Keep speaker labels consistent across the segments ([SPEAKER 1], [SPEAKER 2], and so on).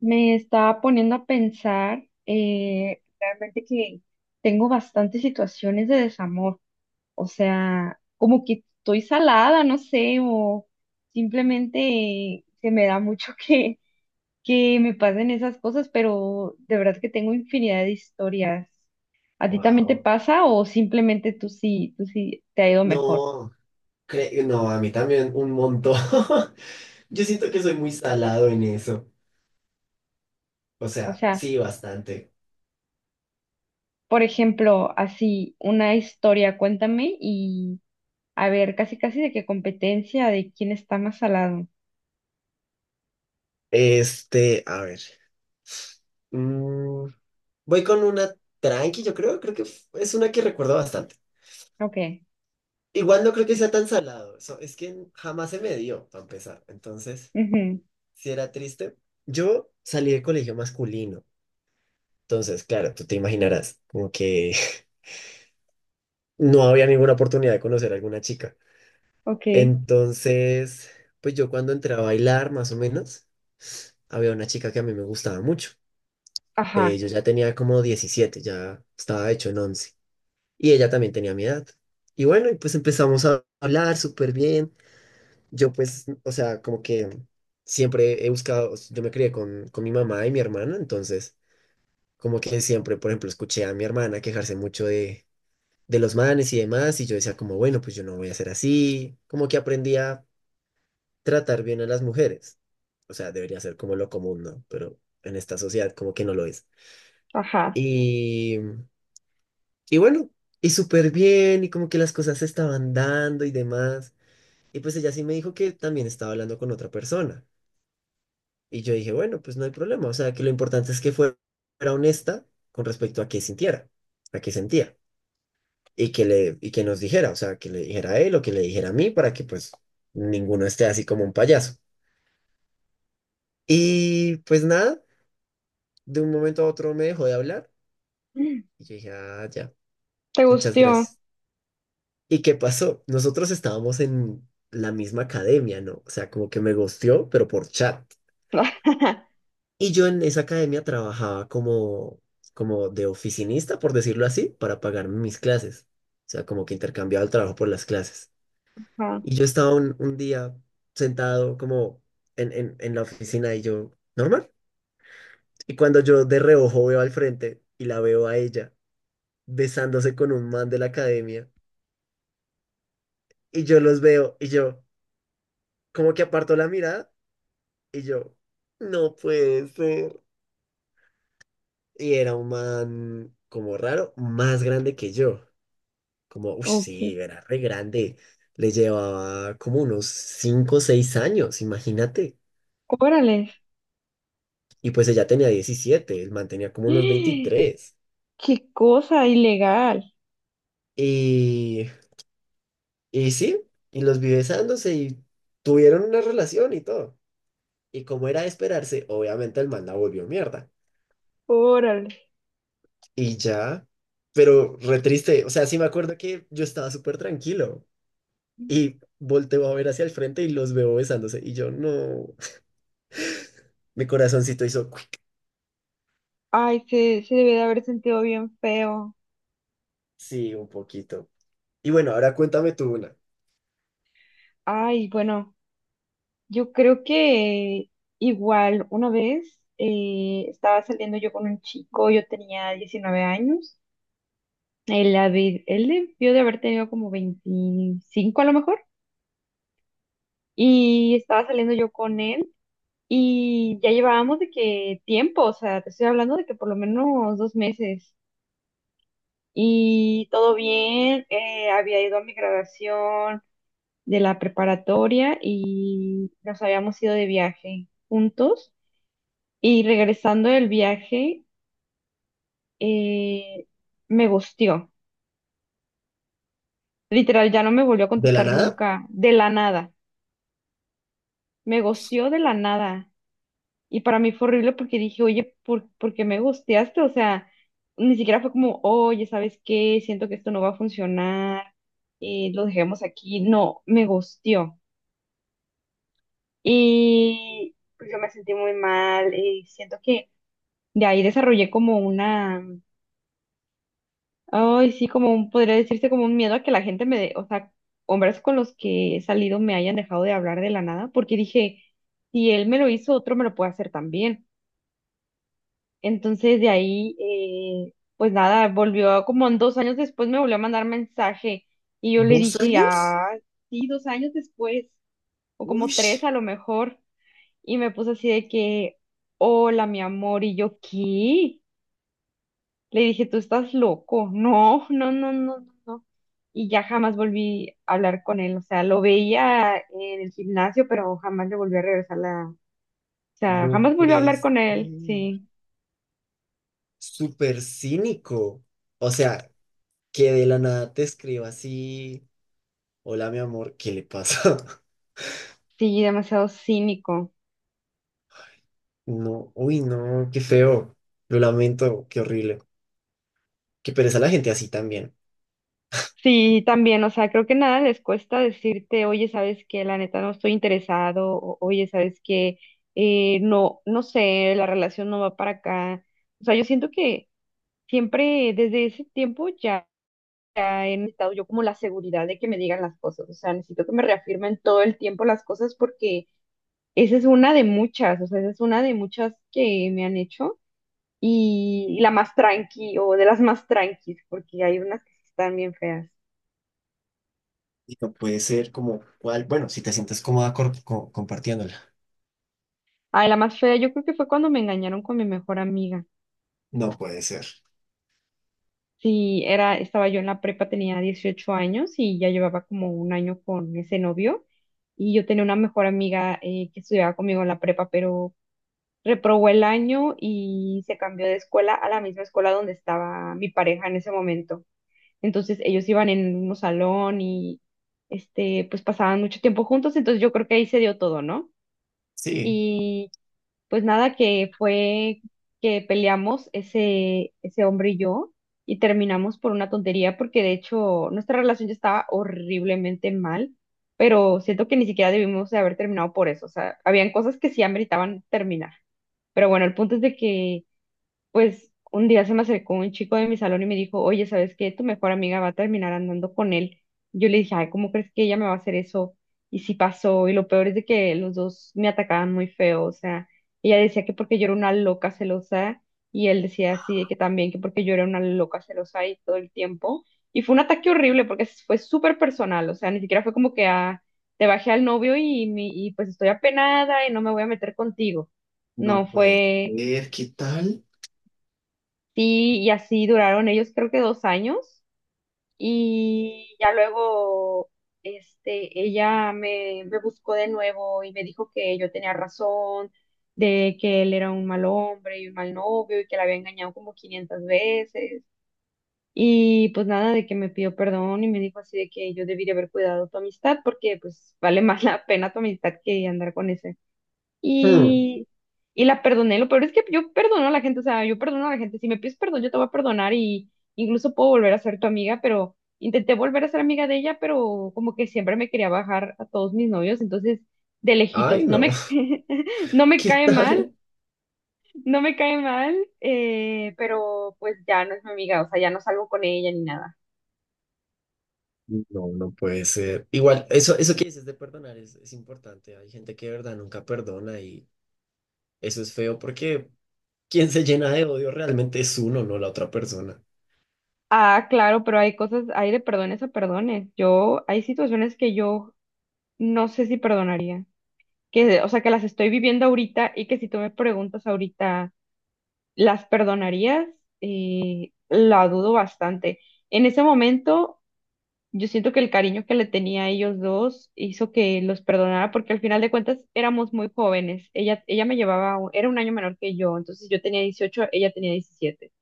[SPEAKER 1] Me estaba poniendo a pensar realmente que tengo bastantes situaciones de desamor, o sea, como que estoy salada, no sé, o simplemente se me da mucho que me pasen esas cosas, pero de verdad que tengo infinidad de historias. ¿A ti también te
[SPEAKER 2] Wow.
[SPEAKER 1] pasa o simplemente tú sí te ha ido mejor?
[SPEAKER 2] No, no, a mí también un montón. Yo siento que soy muy salado en eso. O
[SPEAKER 1] O
[SPEAKER 2] sea,
[SPEAKER 1] sea,
[SPEAKER 2] sí, bastante.
[SPEAKER 1] por ejemplo, así, una historia, cuéntame. A ver, casi casi de qué competencia, de quién está más salado.
[SPEAKER 2] Este, a ver. mm, voy con una tranqui, yo creo. Creo que es una que recuerdo bastante.
[SPEAKER 1] Ok.
[SPEAKER 2] Igual no creo que sea tan salado. Es que jamás se me dio, para empezar. Entonces,
[SPEAKER 1] Ujú.
[SPEAKER 2] si era triste. Yo salí de colegio masculino. Entonces, claro, tú te imaginarás, como que no había ninguna oportunidad de conocer a alguna chica.
[SPEAKER 1] Ok.
[SPEAKER 2] Entonces, pues yo cuando entré a bailar, más o menos, había una chica que a mí me gustaba mucho.
[SPEAKER 1] Ajá.
[SPEAKER 2] Yo ya tenía como 17, ya estaba hecho en 11. Y ella también tenía mi edad. Y bueno, y pues empezamos a hablar súper bien. Yo pues, o sea, como que siempre he buscado, o sea, yo me crié con mi mamá y mi hermana, entonces como que siempre, por ejemplo, escuché a mi hermana quejarse mucho de los manes y demás, y yo decía como, bueno, pues yo no voy a ser así. Como que aprendía tratar bien a las mujeres. O sea, debería ser como lo común, ¿no? Pero en esta sociedad como que no lo es.
[SPEAKER 1] Ajá.
[SPEAKER 2] Y, y bueno, y súper bien, y como que las cosas se estaban dando y demás. Y pues ella sí me dijo que también estaba hablando con otra persona. Y yo dije, bueno, pues no hay problema. O sea, que lo importante es que fuera honesta con respecto a qué sintiera, a qué sentía. Y que nos dijera, o sea, que le dijera a él o que le dijera a mí para que pues ninguno esté así como un payaso. Y pues nada. De un momento a otro me dejó de hablar
[SPEAKER 1] Mm.
[SPEAKER 2] y yo dije, ah, ya,
[SPEAKER 1] ¿Te
[SPEAKER 2] muchas
[SPEAKER 1] gustó?
[SPEAKER 2] gracias. ¿Y qué pasó? Nosotros estábamos en la misma academia, ¿no? O sea, como que me gosteó, pero por chat. Y yo en esa academia trabajaba como, como de oficinista, por decirlo así, para pagar mis clases. O sea, como que intercambiaba el trabajo por las clases.
[SPEAKER 1] Ajá.
[SPEAKER 2] Y yo estaba un día sentado como en en la oficina y yo, normal. Y cuando yo de reojo veo al frente y la veo a ella besándose con un man de la academia. Y yo los veo y yo, como que aparto la mirada y yo, no puede ser. Y era un man como raro, más grande que yo. Como, uff,
[SPEAKER 1] Ok.
[SPEAKER 2] sí, era re grande. Le llevaba como unos 5 o 6 años, imagínate.
[SPEAKER 1] Órale.
[SPEAKER 2] Y pues ella tenía 17, el man tenía como unos
[SPEAKER 1] ¡Eh!
[SPEAKER 2] 23.
[SPEAKER 1] Qué cosa ilegal.
[SPEAKER 2] Y, y sí, y los vi besándose y tuvieron una relación y todo. Y como era de esperarse, obviamente el man la volvió mierda.
[SPEAKER 1] Órale.
[SPEAKER 2] Y ya, pero re triste, o sea, sí me acuerdo que yo estaba súper tranquilo y volteo a ver hacia el frente y los veo besándose y yo no, mi corazoncito hizo cuic.
[SPEAKER 1] Ay, se debe de haber sentido bien feo.
[SPEAKER 2] Sí, un poquito. Y bueno, ahora cuéntame tú una.
[SPEAKER 1] Ay, bueno, yo creo que igual una vez estaba saliendo yo con un chico, yo tenía 19 años. Él, él debió de haber tenido como 25 a lo mejor. Y estaba saliendo yo con él y ya llevábamos de que tiempo, o sea, te estoy hablando de que por lo menos dos meses. Y todo bien, había ido a mi graduación de la preparatoria y nos habíamos ido de viaje juntos. Y regresando del viaje, eh, me gustió. Literal, ya no me volvió a
[SPEAKER 2] ¿De la
[SPEAKER 1] contestar
[SPEAKER 2] nada?
[SPEAKER 1] nunca, de la nada. Me gustió de la nada. Y para mí fue horrible porque dije, oye, por qué me gusteaste? O sea, ni siquiera fue como, oye, ¿sabes qué? Siento que esto no va a funcionar, lo dejemos aquí. No, me gusteó. Y pues yo me sentí muy mal y siento que de ahí desarrollé como una, ay, sí, como un, podría decirse como un miedo a que la gente me dé, o sea, hombres con los que he salido me hayan dejado de hablar de la nada, porque dije, si él me lo hizo, otro me lo puede hacer también. Entonces de ahí, pues nada, volvió como en 2 años después me volvió a mandar mensaje y yo le
[SPEAKER 2] ¿Dos
[SPEAKER 1] dije,
[SPEAKER 2] años?
[SPEAKER 1] ah, sí, 2 años después, o como
[SPEAKER 2] Uy,
[SPEAKER 1] tres a lo mejor, y me puso así de que, hola, mi amor, y yo, ¿qué? Le dije, tú estás loco, no, no, no, no, no, no. Y ya jamás volví a hablar con él, o sea, lo veía en el gimnasio, pero jamás le volví a regresar la, o sea,
[SPEAKER 2] no
[SPEAKER 1] jamás volví a hablar
[SPEAKER 2] puedes.
[SPEAKER 1] con él, sí,
[SPEAKER 2] Súper cínico. O sea, que de la nada te escriba así, hola mi amor, ¿qué le pasa?
[SPEAKER 1] sí, demasiado cínico.
[SPEAKER 2] No, uy, no, qué feo. Lo lamento, qué horrible. Qué pereza la gente así también.
[SPEAKER 1] Sí, también, o sea, creo que nada les cuesta decirte, oye, sabes que la neta no estoy interesado, o, oye, sabes que no, no sé, la relación no va para acá. O sea, yo siento que siempre desde ese tiempo ya he necesitado yo como la seguridad de que me digan las cosas, o sea, necesito que me reafirmen todo el tiempo las cosas porque esa es una de muchas, o sea, esa es una de muchas que me han hecho y la más tranqui o de las más tranquis, porque hay unas que sí están bien feas.
[SPEAKER 2] Y no puede ser como cuál. Bueno, si te sientes cómoda compartiéndola.
[SPEAKER 1] Ay, la más fea, yo creo que fue cuando me engañaron con mi mejor amiga.
[SPEAKER 2] No puede ser.
[SPEAKER 1] Sí, era, estaba yo en la prepa, tenía 18 años y ya llevaba como un año con ese novio. Y yo tenía una mejor amiga que estudiaba conmigo en la prepa, pero reprobó el año y se cambió de escuela a la misma escuela donde estaba mi pareja en ese momento. Entonces ellos iban en el mismo salón y este, pues pasaban mucho tiempo juntos, entonces yo creo que ahí se dio todo, ¿no?
[SPEAKER 2] Sí,
[SPEAKER 1] Y pues nada, que fue que peleamos ese hombre y yo y terminamos por una tontería porque de hecho nuestra relación ya estaba horriblemente mal, pero siento que ni siquiera debimos de haber terminado por eso. O sea, habían cosas que sí ameritaban terminar. Pero bueno, el punto es de que pues un día se me acercó un chico de mi salón y me dijo, oye, ¿sabes qué? Tu mejor amiga va a terminar andando con él. Yo le dije, ay, ¿cómo crees que ella me va a hacer eso? Y sí pasó, y lo peor es de que los dos me atacaban muy feo, o sea, ella decía que porque yo era una loca celosa, y él decía así, de que también que porque yo era una loca celosa y todo el tiempo. Y fue un ataque horrible porque fue súper personal, o sea, ni siquiera fue como que ah, te bajé al novio y, y pues estoy apenada y no me voy a meter contigo.
[SPEAKER 2] no
[SPEAKER 1] No
[SPEAKER 2] puede
[SPEAKER 1] fue.
[SPEAKER 2] ser. ¿Qué tal?
[SPEAKER 1] Sí, y así duraron ellos creo que 2 años y ya luego este, me buscó de nuevo y me dijo que yo tenía razón, de que él era un mal hombre y un mal novio y que la había engañado como 500 veces. Y pues nada, de que me pidió perdón y me dijo así de que yo debería haber cuidado tu amistad porque pues vale más la pena tu amistad que andar con ese.
[SPEAKER 2] Hmm.
[SPEAKER 1] Y, y la perdoné. Lo peor es que yo perdono a la gente, o sea, yo perdono a la gente. Si me pides perdón, yo te voy a perdonar y incluso puedo volver a ser tu amiga, pero intenté volver a ser amiga de ella, pero como que siempre me quería bajar a todos mis novios, entonces de
[SPEAKER 2] Ay,
[SPEAKER 1] lejitos. No
[SPEAKER 2] no.
[SPEAKER 1] me, no me
[SPEAKER 2] ¿Qué
[SPEAKER 1] cae mal,
[SPEAKER 2] tal?
[SPEAKER 1] no me cae mal, pero pues ya no es mi amiga, o sea, ya no salgo con ella ni nada.
[SPEAKER 2] No, no puede ser. Igual, eso que dices de perdonar es importante. Hay gente que de verdad nunca perdona y eso es feo porque quien se llena de odio realmente es uno, no la otra persona.
[SPEAKER 1] Ah, claro, pero hay cosas, hay de perdones a perdones. Yo, hay situaciones que yo no sé si perdonaría. Que, o sea, que las estoy viviendo ahorita y que si tú me preguntas ahorita, ¿las perdonarías? La dudo bastante. En ese momento, yo siento que el cariño que le tenía a ellos dos hizo que los perdonara porque al final de cuentas éramos muy jóvenes. Ella me llevaba, era un año menor que yo, entonces yo tenía 18 ella tenía 17,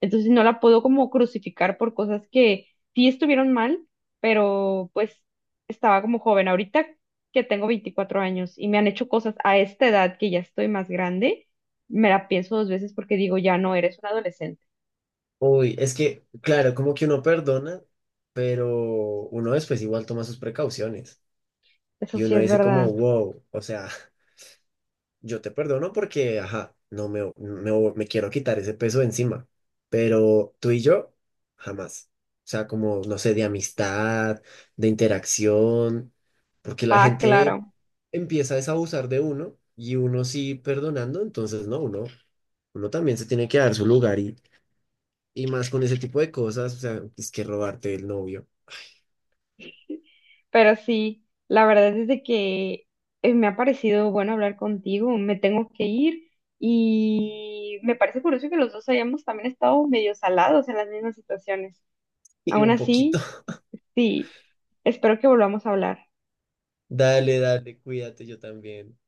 [SPEAKER 1] entonces no la puedo como crucificar por cosas que sí estuvieron mal, pero pues estaba como joven. Ahorita que tengo 24 años y me han hecho cosas a esta edad que ya estoy más grande, me la pienso dos veces porque digo, ya no, eres un adolescente.
[SPEAKER 2] Uy, es que, claro, como que uno perdona, pero uno después igual toma sus precauciones.
[SPEAKER 1] Eso
[SPEAKER 2] Y
[SPEAKER 1] sí
[SPEAKER 2] uno
[SPEAKER 1] es
[SPEAKER 2] dice como,
[SPEAKER 1] verdad.
[SPEAKER 2] wow, o sea, yo te perdono porque, ajá, no me quiero quitar ese peso de encima, pero tú y yo, jamás. O sea, como, no sé, de amistad, de interacción, porque la
[SPEAKER 1] Ah,
[SPEAKER 2] gente
[SPEAKER 1] claro.
[SPEAKER 2] empieza es a abusar de uno y uno sí perdonando, entonces no, uno también se tiene que dar su lugar y más con ese tipo de cosas, o sea, es que robarte el novio.
[SPEAKER 1] Pero sí, la verdad es de que me ha parecido bueno hablar contigo. Me tengo que ir. Y me parece curioso que los dos hayamos también estado medio salados en las mismas situaciones.
[SPEAKER 2] Y
[SPEAKER 1] Aún
[SPEAKER 2] un poquito.
[SPEAKER 1] así, sí, espero que volvamos a hablar.
[SPEAKER 2] Dale, dale, cuídate, yo también.